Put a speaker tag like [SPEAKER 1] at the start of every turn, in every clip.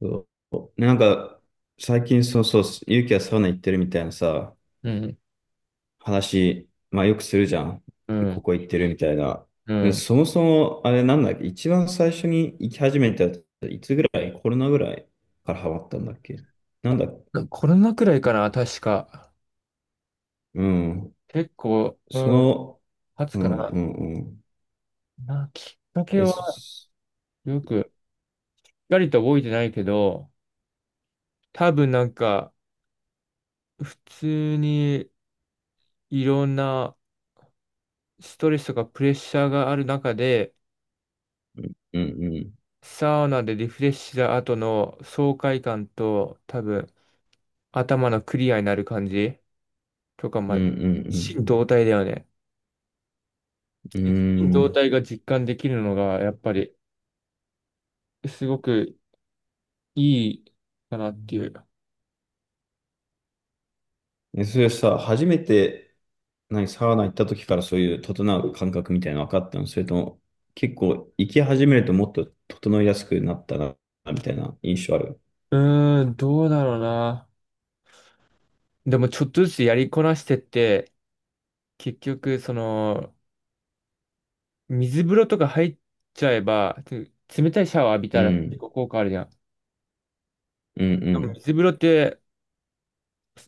[SPEAKER 1] そう、なんか最近、そうそう、ゆうきはサウナ行ってるみたいなさ、
[SPEAKER 2] うん、
[SPEAKER 1] 話、まあよくするじゃん。
[SPEAKER 2] う
[SPEAKER 1] こ
[SPEAKER 2] ん、
[SPEAKER 1] こ行ってるみたいな。
[SPEAKER 2] う
[SPEAKER 1] で、
[SPEAKER 2] ん。
[SPEAKER 1] そもそもあれなんだっけ、一番最初に行き始めたやつ、いつぐらい、コロナぐらいからハマったんだっけ。なんだ、
[SPEAKER 2] コロナくらいかな、確か。
[SPEAKER 1] うん、
[SPEAKER 2] 結構、う
[SPEAKER 1] そ
[SPEAKER 2] ん、
[SPEAKER 1] の、
[SPEAKER 2] 経つ
[SPEAKER 1] う
[SPEAKER 2] か
[SPEAKER 1] ん
[SPEAKER 2] な。
[SPEAKER 1] うんうん。
[SPEAKER 2] きっかけ
[SPEAKER 1] え、そ
[SPEAKER 2] はよく、しっかりと覚えてないけど、多分なんか、普通にいろんなストレスとかプレッシャーがある中で、
[SPEAKER 1] うんうん、
[SPEAKER 2] サウナでリフレッシュした後の爽快感と、多分、頭のクリアになる感じとか、
[SPEAKER 1] う
[SPEAKER 2] ま
[SPEAKER 1] ん
[SPEAKER 2] あ、
[SPEAKER 1] う
[SPEAKER 2] 心
[SPEAKER 1] ん
[SPEAKER 2] 動体だよね。
[SPEAKER 1] う
[SPEAKER 2] 一心
[SPEAKER 1] ん。
[SPEAKER 2] 同体が実感できるのが、やっぱり、すごくいいかなっていう。
[SPEAKER 1] え、それさ、初めて、何、サウナ行った時からそういう整う感覚みたいなの分かったの、それとも、結構行き始めるともっと整いやすくなったな、みたいな印象ある。
[SPEAKER 2] うーん、どうだろうな。でも、ちょっとずつやりこなしてって、結局、その、水風呂とか入っちゃえば、冷たいシャワー浴び
[SPEAKER 1] う
[SPEAKER 2] たら結
[SPEAKER 1] ん、
[SPEAKER 2] 構効果あるじゃん。
[SPEAKER 1] うん、う
[SPEAKER 2] でも
[SPEAKER 1] ん、
[SPEAKER 2] 水風呂って、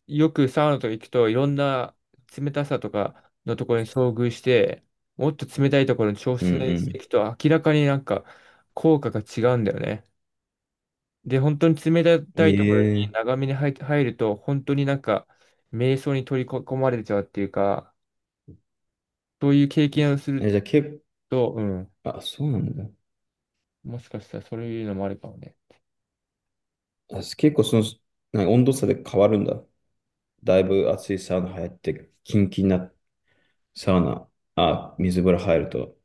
[SPEAKER 2] よくサウナとか行くといろんな冷たさとかのところに遭遇して、もっと冷たいところに調
[SPEAKER 1] う
[SPEAKER 2] 整して
[SPEAKER 1] ん、
[SPEAKER 2] いくと明らかになんか効果が違うんだよね。で、本当に冷
[SPEAKER 1] う
[SPEAKER 2] たいところに
[SPEAKER 1] ん。ええ
[SPEAKER 2] 長めに入ると、本当になんか、瞑想に取り込まれちゃうっていうか、そういう経験をする
[SPEAKER 1] え、じゃあ結
[SPEAKER 2] と、うん、
[SPEAKER 1] 構、あ、そうなんだ。
[SPEAKER 2] もしかしたらそういうのもあるかもね。
[SPEAKER 1] あ、結構何、温度差で変わるんだ。だいぶ暑いサウナ入って、キンキンなサウナ、あ、水風呂入ると。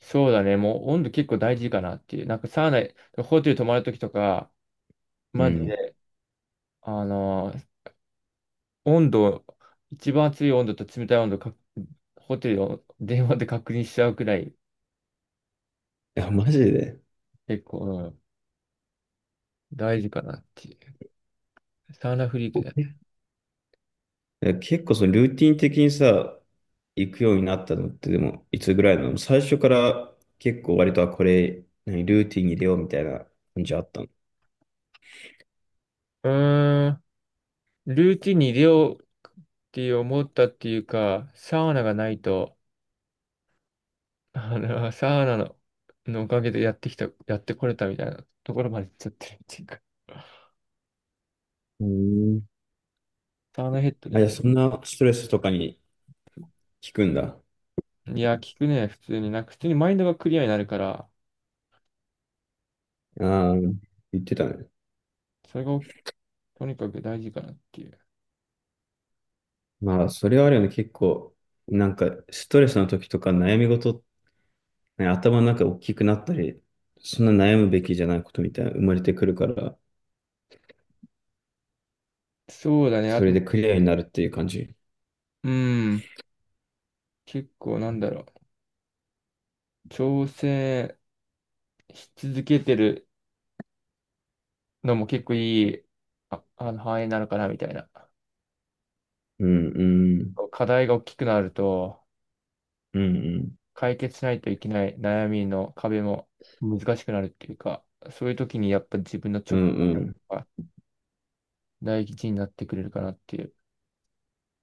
[SPEAKER 2] そうだね、もう温度結構大事かなっていう。なんかサウナ、ホテル泊まるときとか、
[SPEAKER 1] う
[SPEAKER 2] マジ
[SPEAKER 1] ん。
[SPEAKER 2] で、あのー温度、一番熱い温度と冷たい温度か、ホテルを電話で確認しちゃうくらい、
[SPEAKER 1] あ、マジで。
[SPEAKER 2] 結構、うん、大事かなっていう。サウナフリークだね。
[SPEAKER 1] え、結構そのルーティン的にさ、行くようになったのってでも、いつぐらいなの。最初から結構割とは、これ何、ルーティンに入れようみたいな感じあったの。
[SPEAKER 2] うーん。ルーティンに入れようって思ったっていうか、サウナがないと、サウナの、のおかげでやってこれたみたいなところまで行っちゃってるっていうか、
[SPEAKER 1] うん。
[SPEAKER 2] サウナヘッドで
[SPEAKER 1] あ、い
[SPEAKER 2] あ
[SPEAKER 1] や、
[SPEAKER 2] れ。
[SPEAKER 1] そんなストレスとかに効くんだ。
[SPEAKER 2] いや、聞くね、普通に。なんか、普通にマインドがクリアになるから、
[SPEAKER 1] ああ、言ってたね。
[SPEAKER 2] それがとにかく大事かなっていう。
[SPEAKER 1] まあ、それはあるよね。結構、なんか、ストレスの時とか悩み事、ね、頭の中大きくなったり、そんな悩むべきじゃないことみたいな生まれてくるから、
[SPEAKER 2] そうだね、あ
[SPEAKER 1] それ
[SPEAKER 2] と、
[SPEAKER 1] でクリアになるっていう感じ。
[SPEAKER 2] うん、結構なんだろう、挑戦し続けてるのも結構いい、範囲なのかなみたいな。
[SPEAKER 1] うん、うん、
[SPEAKER 2] 課題が大きくなると、
[SPEAKER 1] うん、うん。
[SPEAKER 2] 解決しないといけない悩みの壁も難しくなるっていうか、そういう時にやっぱ自分の
[SPEAKER 1] う
[SPEAKER 2] 直
[SPEAKER 1] んう
[SPEAKER 2] 感
[SPEAKER 1] ん。
[SPEAKER 2] が大事になってくれるかなっていう。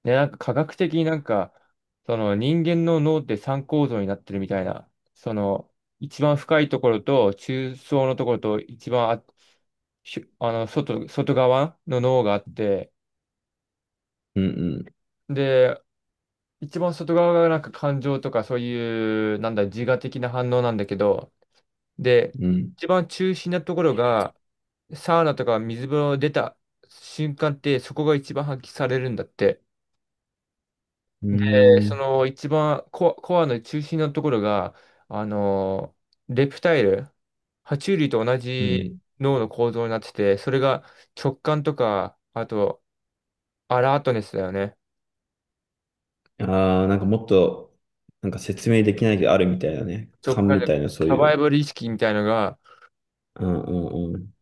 [SPEAKER 2] ね、なんか科学的になんか、その人間の脳って三構造になってるみたいな、その一番深いところと中層のところと一番あ、しあの外、外側の脳があって、
[SPEAKER 1] うん
[SPEAKER 2] で、一番外側がなんか感情とかそういう、なんだ、自我的な反応なんだけど、で、
[SPEAKER 1] うん。うん。
[SPEAKER 2] 一番中心なところが、サウナとか水風呂出た瞬間ってそこが一番発揮されるんだって。
[SPEAKER 1] う
[SPEAKER 2] で
[SPEAKER 1] ー
[SPEAKER 2] そ
[SPEAKER 1] ん。
[SPEAKER 2] の一番コアの中心のところが、あのレプタイル、爬虫類と同
[SPEAKER 1] う
[SPEAKER 2] じ
[SPEAKER 1] ん。
[SPEAKER 2] 脳の構造になってて、それが直感とか、あとアラートネスだよね。
[SPEAKER 1] ああ、なんかもっと、なんか説明できないけどあるみたいなね。
[SPEAKER 2] 直
[SPEAKER 1] 勘
[SPEAKER 2] 感
[SPEAKER 1] み
[SPEAKER 2] で
[SPEAKER 1] たいな、そう
[SPEAKER 2] サ
[SPEAKER 1] い
[SPEAKER 2] バイ
[SPEAKER 1] う。
[SPEAKER 2] バル意識みたいのが
[SPEAKER 1] うんうんうん。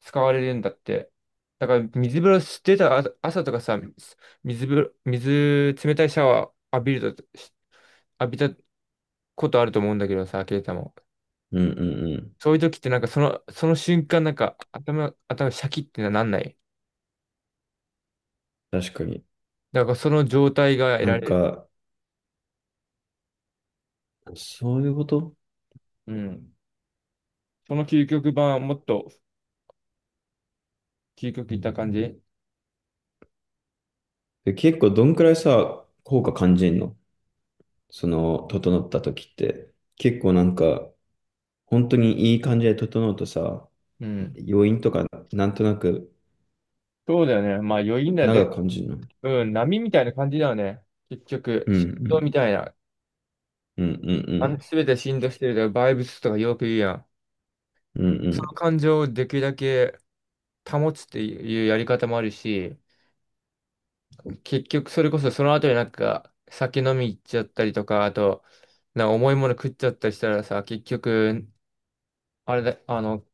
[SPEAKER 2] 使われるんだって。だから水風呂出た朝とかさ、水風呂、水冷たいシャワー浴びたことあると思うんだけどさ、ケイタも。
[SPEAKER 1] うんうんうん。
[SPEAKER 2] そういう時ってなんかその瞬間なんか頭シャキってなんない。
[SPEAKER 1] 確かに。
[SPEAKER 2] だからその状態が得
[SPEAKER 1] な
[SPEAKER 2] ら
[SPEAKER 1] ん
[SPEAKER 2] れる。
[SPEAKER 1] か、そういうこと
[SPEAKER 2] うん。その究極版はもっと究極いった感じ。
[SPEAKER 1] で。結構どんくらいさ、効果感じんの、その整った時って。結構なんか、本当にいい感じで整うとさ、
[SPEAKER 2] うん。
[SPEAKER 1] 余韻とかなんとなく
[SPEAKER 2] そうだよね。まあ余韻だ
[SPEAKER 1] 長
[SPEAKER 2] で、
[SPEAKER 1] く感じるの。
[SPEAKER 2] うん、波みたいな感じだよね。結局、
[SPEAKER 1] うんう
[SPEAKER 2] 振動み
[SPEAKER 1] ん。
[SPEAKER 2] たいな。
[SPEAKER 1] うんうんうん。
[SPEAKER 2] すべて振動してるとか、バイブスとかよく言うやん。
[SPEAKER 1] うんう
[SPEAKER 2] その
[SPEAKER 1] ん。
[SPEAKER 2] 感情をできるだけ保つっていうやり方もあるし、結局それこそその後になんか酒飲み行っちゃったりとか、あと、なんか重いもの食っちゃったりしたらさ、結局、あれだ、あの、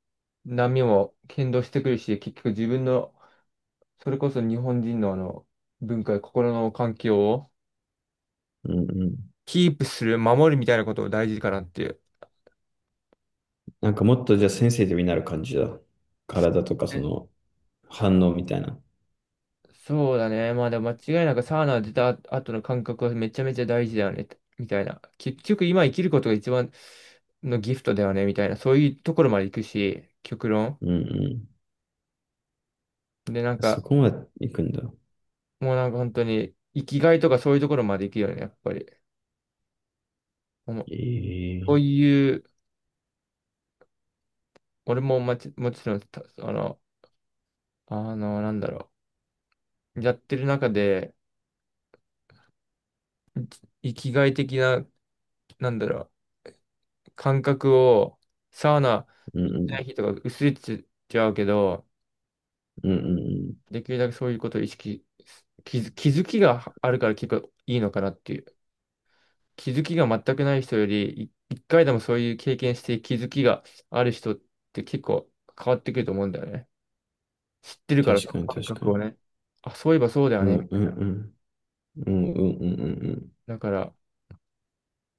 [SPEAKER 2] 波も剣道してくるし、結局自分の、それこそ日本人の文化や心の環境を
[SPEAKER 1] うんうん。
[SPEAKER 2] キープする、守るみたいなことを大事かなっていう。
[SPEAKER 1] なんかもっとじゃあセンシティブになる感じだ。体とかそ
[SPEAKER 2] え
[SPEAKER 1] の反応みたいな。
[SPEAKER 2] そうだね。まあでも間違いなくサウナ出た後の感覚はめちゃめちゃ大事だよね。みたいな。結局今生きることが一番のギフトだよね。みたいな。そういうところまで行くし、極論。
[SPEAKER 1] うんうん。
[SPEAKER 2] で、なん
[SPEAKER 1] そ
[SPEAKER 2] か、
[SPEAKER 1] こまで行くんだ。
[SPEAKER 2] もうなんか本当に、生きがいとかそういうところまで行くよね、やっぱり。もう
[SPEAKER 1] え
[SPEAKER 2] そう
[SPEAKER 1] え、
[SPEAKER 2] いう、俺ももちろん、たあの、あの、なんだろう、やってる中で、生きがい的な、なんだろう、感覚を、サウナ
[SPEAKER 1] う
[SPEAKER 2] 行
[SPEAKER 1] ん
[SPEAKER 2] っ
[SPEAKER 1] う
[SPEAKER 2] た
[SPEAKER 1] ん。
[SPEAKER 2] 日とか薄れちゃうけど、
[SPEAKER 1] うんうんうん。
[SPEAKER 2] できるだけそういうことを意識、気づきがあるから結構いいのかなっていう。気づきが全くない人より、一回でもそういう経験して気づきがある人って結構変わってくると思うんだよね。知ってるから、そ
[SPEAKER 1] 確か
[SPEAKER 2] の
[SPEAKER 1] に
[SPEAKER 2] 感
[SPEAKER 1] 確か
[SPEAKER 2] 覚を
[SPEAKER 1] に。
[SPEAKER 2] ね。あ、そういえばそうだよ
[SPEAKER 1] う
[SPEAKER 2] ね、み
[SPEAKER 1] んう
[SPEAKER 2] たい
[SPEAKER 1] ん
[SPEAKER 2] な。
[SPEAKER 1] うん。うんうんうんうんう
[SPEAKER 2] だから、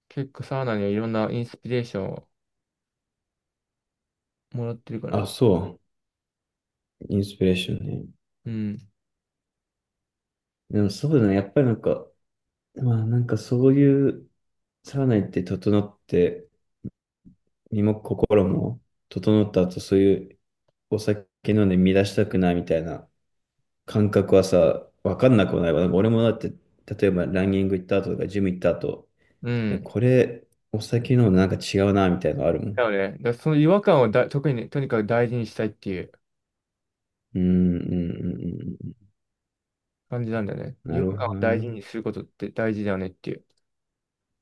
[SPEAKER 2] 結構サウナにはいろんなインスピレーションをもらってるか
[SPEAKER 1] ん。
[SPEAKER 2] らね。
[SPEAKER 1] あ、そう。インスピレーションね。
[SPEAKER 2] うん。
[SPEAKER 1] でもそうだね。やっぱりなんか、まあなんかそういうサウナ行って整って、身も心も整った後、そういうお酒飲んで乱したくないみたいな感覚はさ、わかんなくもないわ。なんか俺もだって、例えばランニング行った後とか、ジム行った後、
[SPEAKER 2] う
[SPEAKER 1] いや、
[SPEAKER 2] ん。
[SPEAKER 1] これお酒飲むのなんか違うな、みたいなのあるも
[SPEAKER 2] だ
[SPEAKER 1] ん。
[SPEAKER 2] よね。だからその違和感をだ、特にね、とにかく大事にしたいっていう
[SPEAKER 1] うん、うん、うん、うん。うん、
[SPEAKER 2] 感じなんだよね。違
[SPEAKER 1] な
[SPEAKER 2] 和
[SPEAKER 1] る
[SPEAKER 2] 感
[SPEAKER 1] ほ
[SPEAKER 2] を
[SPEAKER 1] ど
[SPEAKER 2] 大事
[SPEAKER 1] ね。
[SPEAKER 2] にすることって大事だよねっていう。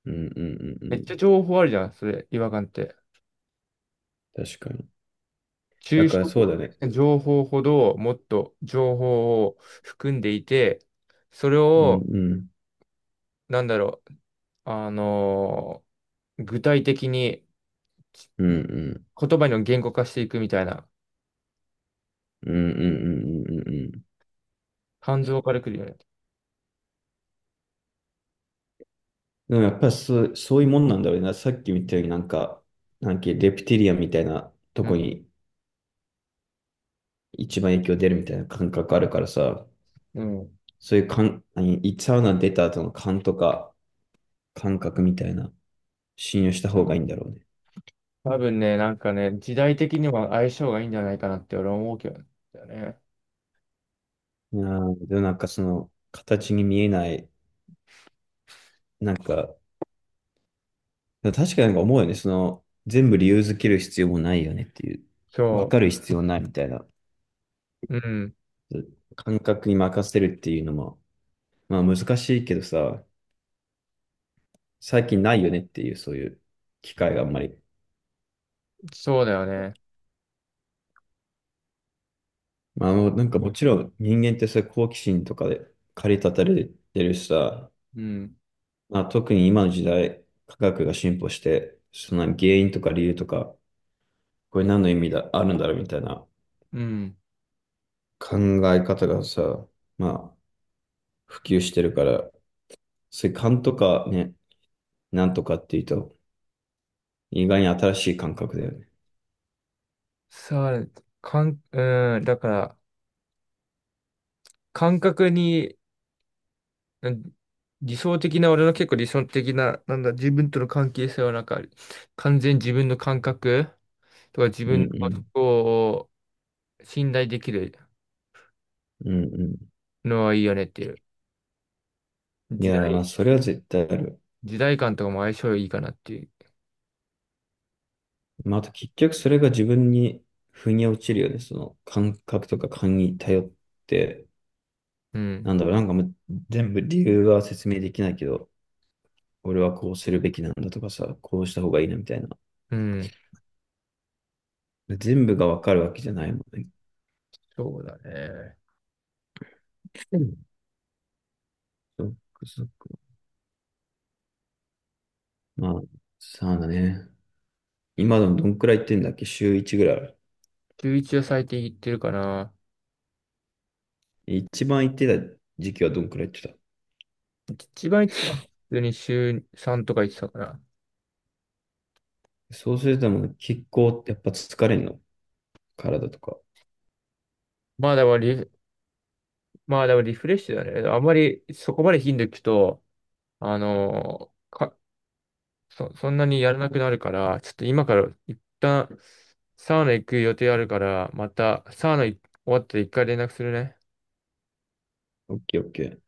[SPEAKER 1] うん、うん、うん、う
[SPEAKER 2] めっちゃ
[SPEAKER 1] ん。
[SPEAKER 2] 情報あるじゃん、それ、違和感って。
[SPEAKER 1] 確かに。だ
[SPEAKER 2] 抽
[SPEAKER 1] か
[SPEAKER 2] 象
[SPEAKER 1] らそうだね。
[SPEAKER 2] 的な情報ほどもっと情報を含んでいて、それ
[SPEAKER 1] うん、
[SPEAKER 2] を、
[SPEAKER 1] うん、
[SPEAKER 2] なんだろう、あの具体的に
[SPEAKER 1] うん、うん、
[SPEAKER 2] 言葉の言語化していくみたいな、
[SPEAKER 1] うん、うん、うん、うん。うん。
[SPEAKER 2] 感情からくるよね。
[SPEAKER 1] でもやっぱりそう、そういうもんなんだろうな。さっき見たようになんか、なんかレプティリアンみたいなと
[SPEAKER 2] う
[SPEAKER 1] こ
[SPEAKER 2] ん。
[SPEAKER 1] に一番影響出るみたいな感覚あるからさ。
[SPEAKER 2] うん。
[SPEAKER 1] そういう感、何、サウナ出た後の感とか感覚みたいな、信用した方がいいんだろうね。
[SPEAKER 2] 多分ね、なんかね、時代的には相性がいいんじゃないかなって俺は思うけどね。
[SPEAKER 1] いやー、でもなんか形に見えない、なんか、でも確かになんか思うよね。その、全部理由づける必要もないよねっていう、わ
[SPEAKER 2] そ
[SPEAKER 1] かる必要ないみたいな、
[SPEAKER 2] う。うん。
[SPEAKER 1] 感覚に任せるっていうのも、まあ難しいけどさ、最近ないよねっていう、そういう機会があんまり。
[SPEAKER 2] そうだよね。
[SPEAKER 1] まあ、なんかもちろん人間ってそういう好奇心とかで駆り立たれてるしさ、
[SPEAKER 2] うん。
[SPEAKER 1] まあ、特に今の時代、科学が進歩して、その原因とか理由とか、これ何の意味だ、あるんだろうみたいな
[SPEAKER 2] うん。
[SPEAKER 1] 考え方がさ、まあ、普及してるから、そういう勘とかね、なんとかっていうと、意外に新しい感覚だよね。
[SPEAKER 2] さう、かん、うん。だから、感覚になん理想的な、俺の結構理想的な、なんだ、自分との関係性はなんか、完全に自分の感覚とか自
[SPEAKER 1] うん
[SPEAKER 2] 分の
[SPEAKER 1] う
[SPEAKER 2] こ
[SPEAKER 1] ん。
[SPEAKER 2] とを信頼できる
[SPEAKER 1] うんう
[SPEAKER 2] のはいいよねっていう。
[SPEAKER 1] ん。い
[SPEAKER 2] 時
[SPEAKER 1] やー、まあ、
[SPEAKER 2] 代、
[SPEAKER 1] それは絶対ある。
[SPEAKER 2] 時代感とかも相性いいかなっていう。
[SPEAKER 1] まあ、あと結局それが自分に腑に落ちるよね。その感覚とか勘に頼って、
[SPEAKER 2] うん。
[SPEAKER 1] なんだろう、なんかもう全部理由は説明できないけど、俺はこうするべきなんだとかさ、こうした方がいいな、みたいな。
[SPEAKER 2] うん。
[SPEAKER 1] 全部がわかるわけじゃないもんね。
[SPEAKER 2] そうだね。
[SPEAKER 1] うん、そっかそっか。まあ、さあだね。今でもどんくらい行ってんだっけ、週1ぐらいある。
[SPEAKER 2] 週一は最低言ってるかな。
[SPEAKER 1] 一番行ってた時期はどんくらい行って
[SPEAKER 2] 一番言ってたのは普通に週3とか言ってたから。
[SPEAKER 1] た。そうするともう結構やっぱ疲れんの、体とか。
[SPEAKER 2] まあでもリフ、まあでもリフレッシュだね。あんまりそこまで頻度聞くと、あのーかそ、そんなにやらなくなるから、ちょっと今から一旦サウナ行く予定あるから、またサウナ終わったら一回連絡するね。
[SPEAKER 1] オッケーオッケー。